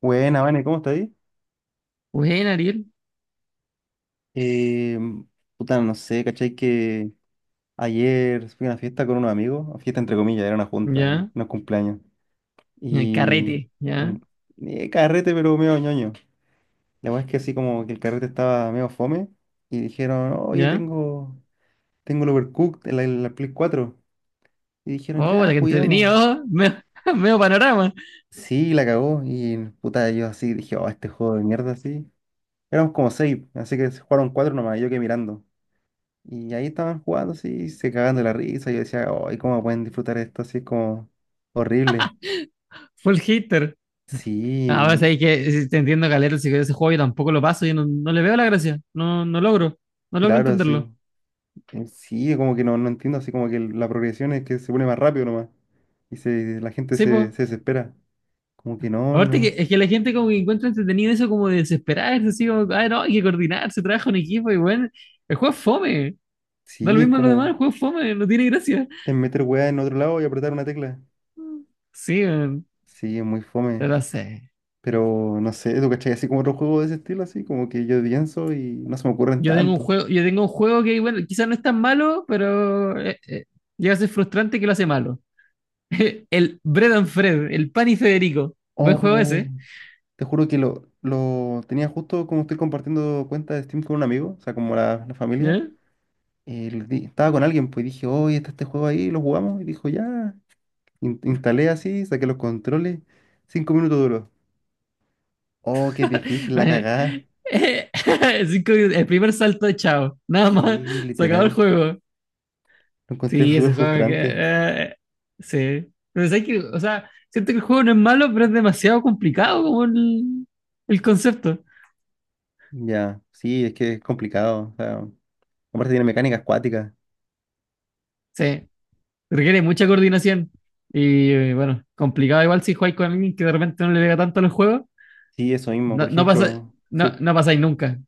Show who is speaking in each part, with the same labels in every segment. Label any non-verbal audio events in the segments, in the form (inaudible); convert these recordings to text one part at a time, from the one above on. Speaker 1: Buena, Vane, ¿cómo está ahí?
Speaker 2: Bueno, Ariel,
Speaker 1: Eh, Puta, no sé, ¿cachai? Que ayer fui a una fiesta con unos amigos, una fiesta entre comillas, era una junta, era
Speaker 2: ya,
Speaker 1: unos cumpleaños.
Speaker 2: ya,
Speaker 1: Y
Speaker 2: carrete,
Speaker 1: eh,
Speaker 2: ya,
Speaker 1: un- Carrete, pero medio ñoño. La verdad es que así como que el carrete estaba medio fome y dijeron, oye,
Speaker 2: ya.
Speaker 1: tengo el Overcooked, la Play cuatro. Y dijeron,
Speaker 2: Oh,
Speaker 1: ya,
Speaker 2: bueno, que
Speaker 1: juguemos.
Speaker 2: entretenido, oh, (laughs) medio panorama,
Speaker 1: Sí, la cagó. Y puta, yo así dije, oh, este juego de mierda, así. Éramos como seis, así que se jugaron cuatro nomás, y yo quedé mirando. Y ahí estaban jugando así, y se cagando de la risa. Yo decía, ay, ¿cómo pueden disfrutar esto así? Es como horrible.
Speaker 2: full hitter. Ahora
Speaker 1: Sí,
Speaker 2: sabéis que si te entiendo, Calero, si ese juego yo tampoco lo paso, yo no, no le veo la gracia, no logro
Speaker 1: claro, sí.
Speaker 2: entenderlo.
Speaker 1: Sí, como que no, no entiendo, así como que la progresión es que se pone más rápido nomás. Y la gente
Speaker 2: Sí, pues.
Speaker 1: se desespera. Como que no,
Speaker 2: Aparte que
Speaker 1: no.
Speaker 2: es que la gente como que encuentra entretenido eso como de desesperarse, así como, ah, no, hay que coordinarse, trabaja un equipo y bueno, el juego es fome, da lo
Speaker 1: Sí, es
Speaker 2: mismo a lo demás, el
Speaker 1: como
Speaker 2: juego es fome, no tiene gracia.
Speaker 1: es meter weá en otro lado y apretar una tecla.
Speaker 2: Sí,
Speaker 1: Sí, es muy
Speaker 2: no
Speaker 1: fome.
Speaker 2: lo sé.
Speaker 1: Pero no sé, ¿tú cachai? Así como otro juego de ese estilo, así como que yo pienso y no se me ocurren
Speaker 2: Yo tengo un
Speaker 1: tanto.
Speaker 2: juego, yo tengo un juego que, bueno, quizás no es tan malo, pero llega a ser frustrante que lo hace malo. (laughs) El Bread and Fred, el Pan y Federico. Buen juego
Speaker 1: Oh.
Speaker 2: ese.
Speaker 1: Te juro que lo tenía justo como estoy compartiendo cuenta de Steam con un amigo, o sea, como la familia.
Speaker 2: ¿Ya?
Speaker 1: Estaba con alguien, pues y dije, oye, está este juego ahí, lo jugamos. Y dijo, ya. Instalé así, saqué los controles. Cinco minutos duró. Oh, qué difícil la
Speaker 2: Bueno,
Speaker 1: cagada.
Speaker 2: eh, (laughs) 5 minutos, el primer salto de chao. Nada más.
Speaker 1: Sí,
Speaker 2: (laughs) Se acabó el
Speaker 1: literal.
Speaker 2: juego.
Speaker 1: Lo encontré
Speaker 2: Sí,
Speaker 1: súper
Speaker 2: ese juego que.
Speaker 1: frustrante.
Speaker 2: Sí. Pero ¿sabes qué? O sea, siento que el juego no es malo, pero es demasiado complicado como el concepto.
Speaker 1: Ya, sí, es que es complicado. O sea, aparte tiene mecánicas acuáticas.
Speaker 2: Sí. Requiere mucha coordinación. Y bueno, complicado igual si jugáis con alguien que de repente no le pega tanto a los juegos.
Speaker 1: Sí, eso mismo. Por
Speaker 2: No, pasa,
Speaker 1: ejemplo,
Speaker 2: no,
Speaker 1: sí,
Speaker 2: no pasáis nunca.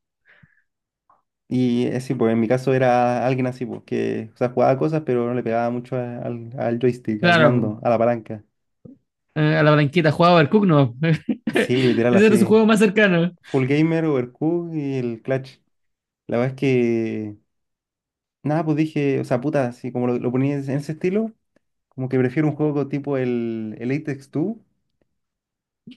Speaker 1: Sí, pues en mi caso era alguien así, pues que, o sea, jugaba cosas, pero no le pegaba mucho al joystick, al
Speaker 2: Claro, po.
Speaker 1: mando, a la palanca.
Speaker 2: A la blanquita jugaba el Cook, no. (laughs)
Speaker 1: Sí, literal
Speaker 2: Ese era su
Speaker 1: así.
Speaker 2: juego más cercano.
Speaker 1: Full Gamer, Overcooked y el Clutch. La verdad es que, nada, pues dije, o sea, puta, así como lo ponía en ese estilo, como que prefiero un juego tipo el Apex 2,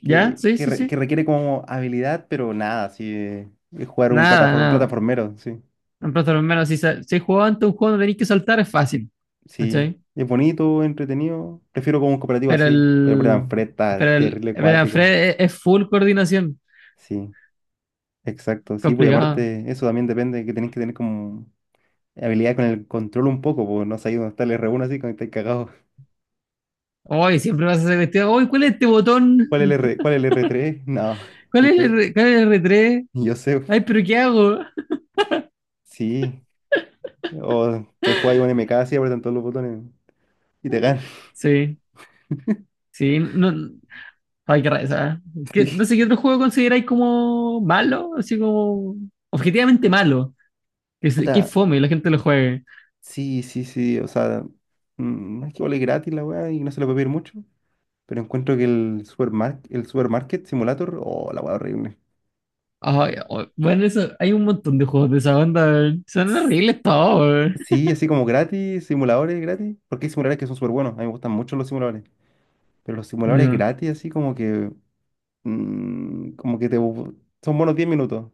Speaker 2: ¿Ya? Sí, sí,
Speaker 1: que
Speaker 2: sí.
Speaker 1: requiere como habilidad, pero nada, así, es jugar
Speaker 2: Nada,
Speaker 1: un
Speaker 2: nada.
Speaker 1: plataformero, sí.
Speaker 2: En Plaza de los menos, si jugado ante un juego no tenéis que saltar, es fácil.
Speaker 1: Sí,
Speaker 2: ¿Cachai?
Speaker 1: es bonito, entretenido. Prefiero como un cooperativo
Speaker 2: Pero
Speaker 1: así, pero
Speaker 2: el.
Speaker 1: Bredan Fred está
Speaker 2: Pero el.
Speaker 1: terrible
Speaker 2: Pero
Speaker 1: acuático.
Speaker 2: Fred es full coordinación.
Speaker 1: Sí, exacto. Sí, pues y
Speaker 2: Complicado.
Speaker 1: aparte, eso también depende que tenés que tener como habilidad con el control un poco, porque no sabéis dónde está el r uno así, cuando estáis cagados.
Speaker 2: Hoy siempre vas a hacer cuestión. Hoy, ¿cuál es este botón?
Speaker 1: (laughs) ¿Cuál es el R, cuál es el r tres? (laughs) No,
Speaker 2: ¿Cuál
Speaker 1: ni
Speaker 2: es
Speaker 1: yo,
Speaker 2: el R3?
Speaker 1: ni yo sé.
Speaker 2: Ay, pero ¿qué hago?
Speaker 1: Sí, o te juegas un M K así, apretan todos los botones y te ganan. (laughs)
Speaker 2: Sí, sí, no, ay, qué reza. No
Speaker 1: Sí.
Speaker 2: sé qué otro juego consideráis como malo, así como objetivamente malo. Que
Speaker 1: Puta,
Speaker 2: fome la gente lo juegue.
Speaker 1: sí, sí, sí, o sea, es que vale gratis la weá y no se le puede pedir mucho. Pero encuentro que el supermarket simulator, oh, la hueá horrible.
Speaker 2: Ay, oh, bueno, eso, hay un montón de juegos de esa onda, weón. Son
Speaker 1: S-
Speaker 2: horribles todos, weón.
Speaker 1: Sí, así como gratis, simuladores gratis. Porque hay simuladores que son súper buenos. A mí me gustan mucho los simuladores. Pero los simuladores
Speaker 2: No,
Speaker 1: gratis, así como que mm, como que te. bu- son buenos 10 minutos.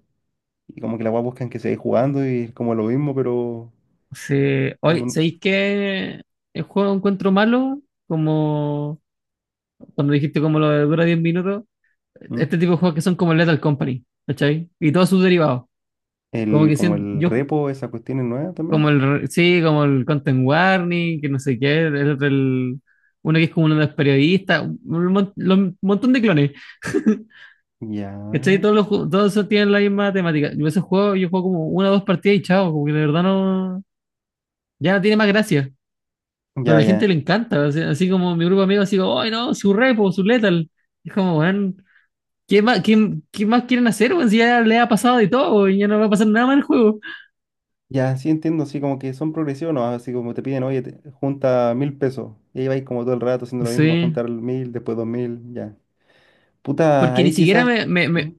Speaker 1: Y como que la weá buscan que se jugando y es como lo mismo, pero.
Speaker 2: sí.
Speaker 1: Como,
Speaker 2: Hoy,
Speaker 1: n-
Speaker 2: ¿sabéis qué el juego encuentro malo? Como cuando dijiste como lo de dura 10 minutos.
Speaker 1: ¿Mm?
Speaker 2: Este tipo de juegos que son como Lethal Company, ¿cachai? Y todos sus derivados. Como
Speaker 1: El,
Speaker 2: que
Speaker 1: como
Speaker 2: siento,
Speaker 1: el repo, esa cuestión es nueva
Speaker 2: Como
Speaker 1: también.
Speaker 2: el, sí, como el Content Warning, que no sé qué, uno que es como uno de los periodistas, un montón de clones, (laughs) ¿cachai?
Speaker 1: Ya.
Speaker 2: Todos esos tienen la misma temática. Yo esos juegos, yo juego como una o dos partidas y chao, como que de verdad no, ya no tiene más gracia. Pero a
Speaker 1: Ya,
Speaker 2: la gente
Speaker 1: ya.
Speaker 2: le encanta, así como mi grupo de amigos, así como, ¡ay no! Su repo, su letal. Es como, weón, ¿qué más, qué más quieren hacer, weón? Si ya le ha pasado de todo, y ya no va a pasar nada más en el juego.
Speaker 1: Ya, sí entiendo, así como que son progresivos, ¿no? Así como te piden, oye, junta mil pesos. Y ahí vais como todo el rato haciendo lo mismo, a
Speaker 2: Sí.
Speaker 1: juntar mil, después dos mil, ya. Puta,
Speaker 2: Porque ni
Speaker 1: ahí
Speaker 2: siquiera
Speaker 1: quizás... ¿Mm?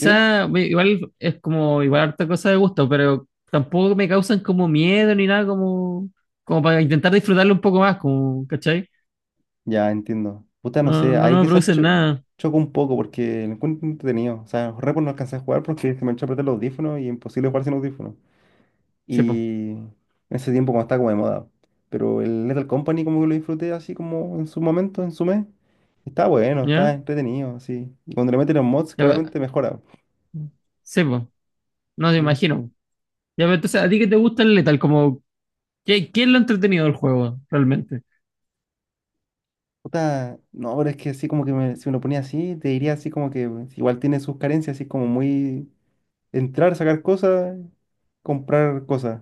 Speaker 1: Dime.
Speaker 2: igual es como, igual harta cosa de gusto, pero tampoco me causan como miedo ni nada, como, para intentar disfrutarlo un poco más, como, ¿cachai?
Speaker 1: Ya, entiendo. Puta, no
Speaker 2: No,
Speaker 1: sé,
Speaker 2: no,
Speaker 1: ahí
Speaker 2: no me
Speaker 1: quizás
Speaker 2: producen nada,
Speaker 1: choco un poco porque lo encuentro entretenido. O sea, Repo no alcancé a jugar porque se me echó a perder los audífonos y imposible jugar sin audífonos.
Speaker 2: sepo,
Speaker 1: Y en ese tiempo cuando estaba como de moda. Pero el Lethal Company como que lo disfruté así como en su momento, en su mes. Está bueno, está
Speaker 2: ¿ya?
Speaker 1: entretenido, así. Y cuando le meten los mods,
Speaker 2: Ya,
Speaker 1: claramente mejora.
Speaker 2: sepo, no te
Speaker 1: Sí.
Speaker 2: imagino. Ya, pero entonces, ¿a ti qué te gusta el Lethal? Como, ¿qué es lo entretenido del juego, realmente?
Speaker 1: Puta, no, pero es que así como que si me lo ponía así, te diría así como que pues, igual tiene sus carencias, así como muy entrar, sacar cosas, comprar cosas.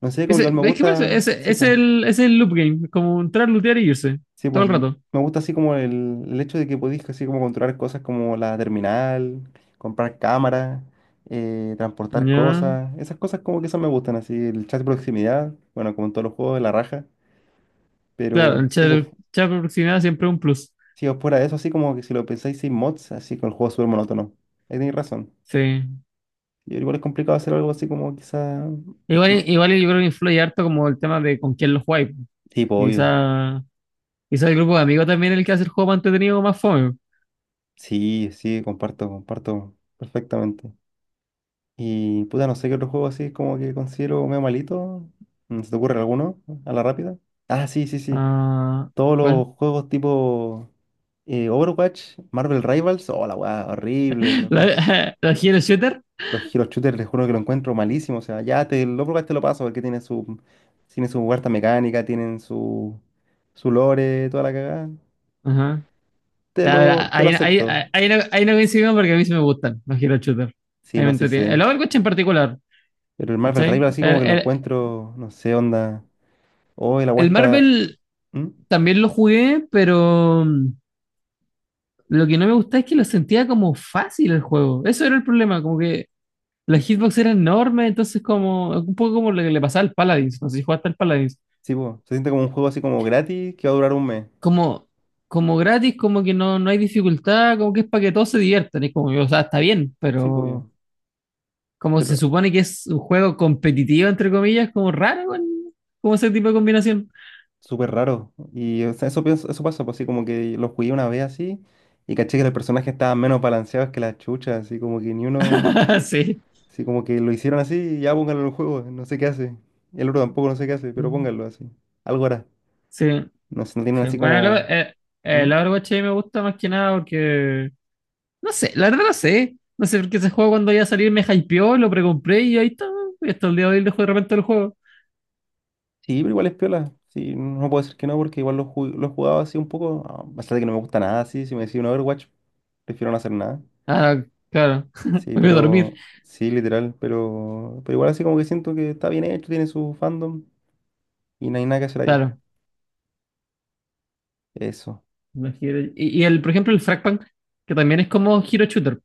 Speaker 1: No sé, como que igual
Speaker 2: Ese,
Speaker 1: me
Speaker 2: es que por eso,
Speaker 1: gusta,
Speaker 2: ese,
Speaker 1: sí,
Speaker 2: es
Speaker 1: pues.
Speaker 2: el, ese es el loop game, es como entrar, lootear y irse,
Speaker 1: Sí,
Speaker 2: todo
Speaker 1: pues
Speaker 2: el rato,
Speaker 1: me gusta así como el hecho de que podéis así como controlar cosas como la terminal, comprar cámaras, transportar
Speaker 2: ¿ya?
Speaker 1: cosas, esas cosas como que esas me gustan, así el chat de proximidad, bueno, como en todos los juegos de la raja,
Speaker 2: Claro,
Speaker 1: pero
Speaker 2: el
Speaker 1: sí, pues
Speaker 2: chat por proximidad siempre es un plus,
Speaker 1: si os fuera de eso, así como que si lo pensáis sin mods, así con el juego es súper monótono, ahí tenéis razón.
Speaker 2: sí.
Speaker 1: Y igual es complicado hacer algo así como quizá... Mm,
Speaker 2: Igual yo creo que influye harto como el tema de con quién lo jugáis.
Speaker 1: sí, pues obvio,
Speaker 2: Quizá, quizá el grupo de amigos también es el que hace el juego más entretenido o más fome.
Speaker 1: sí, sí, comparto, comparto perfectamente. Y puta, no sé qué otro juego así como que considero medio malito. Mm, ¿se te ocurre alguno a la rápida? Ah, sí, sí, sí.
Speaker 2: Ah,
Speaker 1: Todos
Speaker 2: ¿cuál?
Speaker 1: los juegos tipo Overwatch, Marvel Rivals. Oh, la weá, horrible,
Speaker 2: (laughs)
Speaker 1: loco.
Speaker 2: ¿La, (laughs) la Hero Shooter?
Speaker 1: Los Hero Shooters, les juro que lo encuentro malísimo. O sea, ya te, el Overwatch te lo paso porque tiene tiene su huerta mecánica, su lore, toda la cagada.
Speaker 2: Ajá. Ya, verá,
Speaker 1: Te lo
Speaker 2: ahí, ahí, ahí,
Speaker 1: acepto.
Speaker 2: ahí no, ahí no coincidimos porque a mí sí me gustan los Hero Shooter. A
Speaker 1: Sí,
Speaker 2: mí me
Speaker 1: no, sí
Speaker 2: entretienen. El
Speaker 1: sé.
Speaker 2: Overwatch en particular,
Speaker 1: Pero el Marvel
Speaker 2: ¿cachai?
Speaker 1: Rivals así
Speaker 2: El,
Speaker 1: como que lo
Speaker 2: el,
Speaker 1: encuentro, no sé, onda. Oh, la weá
Speaker 2: el
Speaker 1: está.
Speaker 2: Marvel
Speaker 1: ¿Mm?
Speaker 2: también lo jugué, pero lo que no me gusta es que lo sentía como fácil el juego. Eso era el problema, como que la hitbox era enorme, entonces como un poco como lo que le pasaba al Paladins, no sé si jugaste al Paladins,
Speaker 1: Sí, po, se siente como un juego así como gratis que va a durar un mes.
Speaker 2: como, como gratis, como que no hay dificultad, como que es para que todos se diviertan, es como, o sea, está bien,
Speaker 1: Sí, pues
Speaker 2: pero
Speaker 1: yo.
Speaker 2: como se
Speaker 1: Pero
Speaker 2: supone que es un juego competitivo, entre comillas, como raro, bueno, como ese tipo de combinación.
Speaker 1: súper raro. Y o sea, eso pienso, eso pasa, pues así como que lo jugué una vez así y caché que los personajes estaban menos balanceados que las chuchas, así como que ni uno,
Speaker 2: (laughs) Sí.
Speaker 1: así como que lo hicieron así y ya pónganlo en el juego, no sé qué hace. Y el otro tampoco no sé qué hace, pero
Speaker 2: Ujú.
Speaker 1: pónganlo así. Algo hará.
Speaker 2: Sí,
Speaker 1: No sé, no tienen
Speaker 2: sí.
Speaker 1: así
Speaker 2: Bueno, el,
Speaker 1: como...
Speaker 2: eh, eh,
Speaker 1: ¿Mm?
Speaker 2: el Overwatch a mí me gusta más que nada porque, no sé, la verdad no sé, porque ese juego cuando iba a salir me hypeó, lo precompré y ahí está, y hasta el día de hoy dejo de repente el juego.
Speaker 1: Sí, pero igual es piola. Sí, no puedo decir que no porque igual lo he jugado así un poco, a pesar de que no me gusta nada así, si me decís un Overwatch, prefiero no hacer nada.
Speaker 2: Ah, claro. (laughs)
Speaker 1: Sí,
Speaker 2: Voy a dormir.
Speaker 1: pero sí, literal, pero igual así como que siento que está bien hecho, tiene su fandom y no hay nada que hacer ahí.
Speaker 2: Claro.
Speaker 1: Eso.
Speaker 2: Y, el, por ejemplo, el Fragpunk, que también es como Hero Shooter.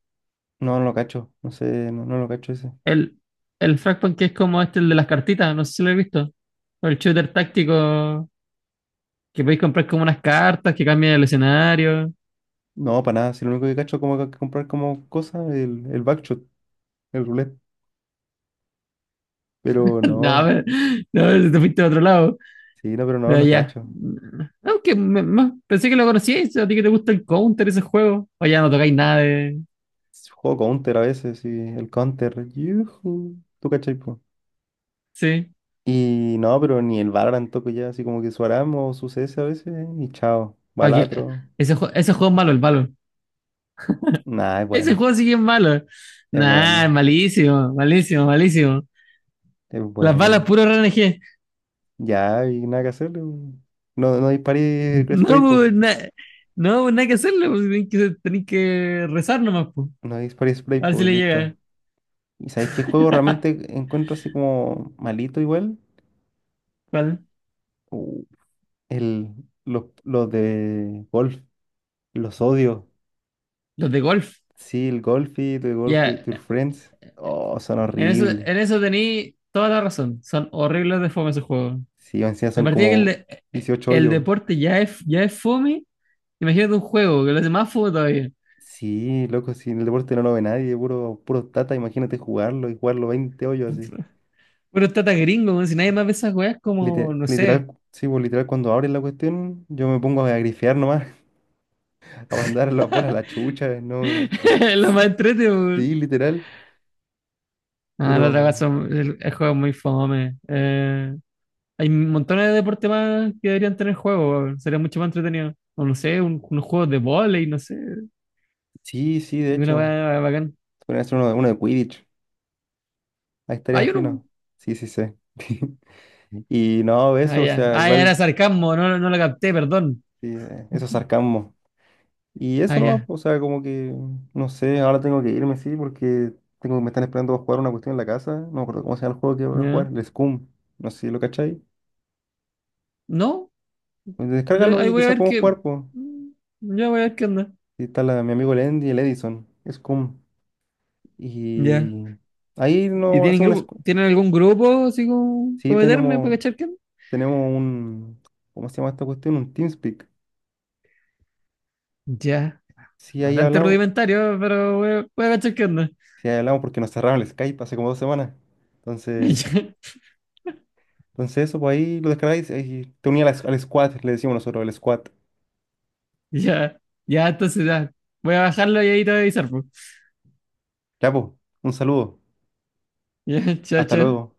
Speaker 1: No, no lo cacho, no sé, no lo cacho ese.
Speaker 2: El, el Fragpunk que es como este, el de las cartitas, no sé si lo he visto. O el shooter táctico, que podéis comprar como unas cartas que cambian el escenario. (laughs)
Speaker 1: No, para nada, si lo único que cacho es como que comprar como cosa el backshot, el roulette. Pero
Speaker 2: No, a
Speaker 1: no,
Speaker 2: ver, no, te fuiste a otro lado.
Speaker 1: sí, no, pero no,
Speaker 2: Pero
Speaker 1: no
Speaker 2: ya.
Speaker 1: cacho.
Speaker 2: Aunque pensé que lo conocíais, si a ti que te gusta el Counter, ese juego. O ya no tocáis nada de.
Speaker 1: Juego counter a veces, sí, el counter, yujú, tú cachai, po.
Speaker 2: Sí.
Speaker 1: Y no, pero ni el Valorant toco ya, así como que su Aram o su CS a veces, y chao,
Speaker 2: Oye,
Speaker 1: Balatro.
Speaker 2: ese juego es malo, el malo.
Speaker 1: Nah, es
Speaker 2: Ese
Speaker 1: bueno,
Speaker 2: juego sigue malo.
Speaker 1: es
Speaker 2: Nah,
Speaker 1: bueno.
Speaker 2: malísimo, malísimo, malísimo.
Speaker 1: Es
Speaker 2: Las balas
Speaker 1: bueno.
Speaker 2: puro RNG.
Speaker 1: Ya, hay nada que hacer. No, no disparé
Speaker 2: No,
Speaker 1: spray, po.
Speaker 2: pues, no, pues, nada que hacerle, pues, tenés que rezar nomás, pues.
Speaker 1: No disparé spray,
Speaker 2: A ver
Speaker 1: po,
Speaker 2: si
Speaker 1: y
Speaker 2: le llega.
Speaker 1: listo. ¿Y sabéis qué juego realmente encuentro así como malito igual?
Speaker 2: ¿Cuál?
Speaker 1: Uh, El, los de golf. Los odio.
Speaker 2: Los de golf.
Speaker 1: Sí, el golf y tu golf with your
Speaker 2: Ya,
Speaker 1: friends. Oh, son
Speaker 2: en eso,
Speaker 1: horribles.
Speaker 2: en eso tení toda la razón. Son horribles de fome esos juegos.
Speaker 1: Sí, encima
Speaker 2: De
Speaker 1: son
Speaker 2: partida que el,
Speaker 1: como
Speaker 2: de-
Speaker 1: 18
Speaker 2: el
Speaker 1: hoyos.
Speaker 2: deporte ya es fome, imagínate un juego que lo hace más fome todavía.
Speaker 1: Sí, loco, si en el deporte no lo ve nadie, puro, puro tata, imagínate jugarlo y jugarlo 20 hoyos así.
Speaker 2: Puro tata gringo, weón, si nadie más ve esas weas como, no sé,
Speaker 1: Literal, sí, pues, literal, cuando abres la cuestión, yo me pongo a grifear nomás, (laughs) a mandar las bolas a la chucha, ¿no?
Speaker 2: (laughs) lo más entrete, weón.
Speaker 1: Sí, literal,
Speaker 2: Ah, la otra
Speaker 1: pero
Speaker 2: cosa, el juego es muy fome. Hay montones de deportes más que deberían tener juegos, weón, sería mucho más entretenido. O no sé, unos juegos de vóley, no sé,
Speaker 1: sí, sí, de
Speaker 2: una
Speaker 1: hecho,
Speaker 2: weá bacán.
Speaker 1: podría hacer uno de Quidditch, ahí estaría
Speaker 2: Hay uno.
Speaker 1: fino. Sí, sí, sé. (laughs) Y no,
Speaker 2: Ah,
Speaker 1: eso, o
Speaker 2: ya.
Speaker 1: sea,
Speaker 2: Ah, ya era
Speaker 1: igual,
Speaker 2: sarcasmo, no, no, no lo capté, perdón.
Speaker 1: sí, eso es sarcasmo. Y
Speaker 2: Ah,
Speaker 1: eso nomás,
Speaker 2: ya.
Speaker 1: o sea, como que, no sé, ahora tengo que irme, sí, porque tengo, me están esperando a jugar una cuestión en la casa, no me acuerdo cómo se llama el juego que voy a
Speaker 2: Ya.
Speaker 1: jugar, el Scum, no sé si lo cacháis.
Speaker 2: No,
Speaker 1: Descárgalo
Speaker 2: ahí
Speaker 1: y
Speaker 2: voy a
Speaker 1: quizás
Speaker 2: ver
Speaker 1: podemos
Speaker 2: qué.
Speaker 1: jugar, pues.
Speaker 2: mm, Ya voy a ver qué onda.
Speaker 1: Y está mi amigo el Andy, y el Edison, es.
Speaker 2: Ya.
Speaker 1: Y ahí
Speaker 2: ¿Y
Speaker 1: no
Speaker 2: tienen
Speaker 1: hace un
Speaker 2: grupo? ¿Tienen algún grupo así como
Speaker 1: sí,
Speaker 2: para meterme para cachar qué onda?
Speaker 1: tenemos un. ¿Cómo se llama esta cuestión? Un TeamSpeak.
Speaker 2: Ya.
Speaker 1: Sí, ahí
Speaker 2: Bastante
Speaker 1: hablamos.
Speaker 2: rudimentario, pero voy a cachar qué onda.
Speaker 1: Sí, ahí hablamos porque nos cerraron el Skype hace como dos semanas. Entonces,
Speaker 2: (laughs)
Speaker 1: entonces eso, pues ahí lo descargáis y te uní al squad, le decimos nosotros, el squad.
Speaker 2: (laughs) Ya, ya, entonces ya. Voy a bajarlo y ahí te voy a avisar, pues.
Speaker 1: Ya, pues, un saludo.
Speaker 2: Ya, (laughs) chao,
Speaker 1: Hasta
Speaker 2: chao.
Speaker 1: luego.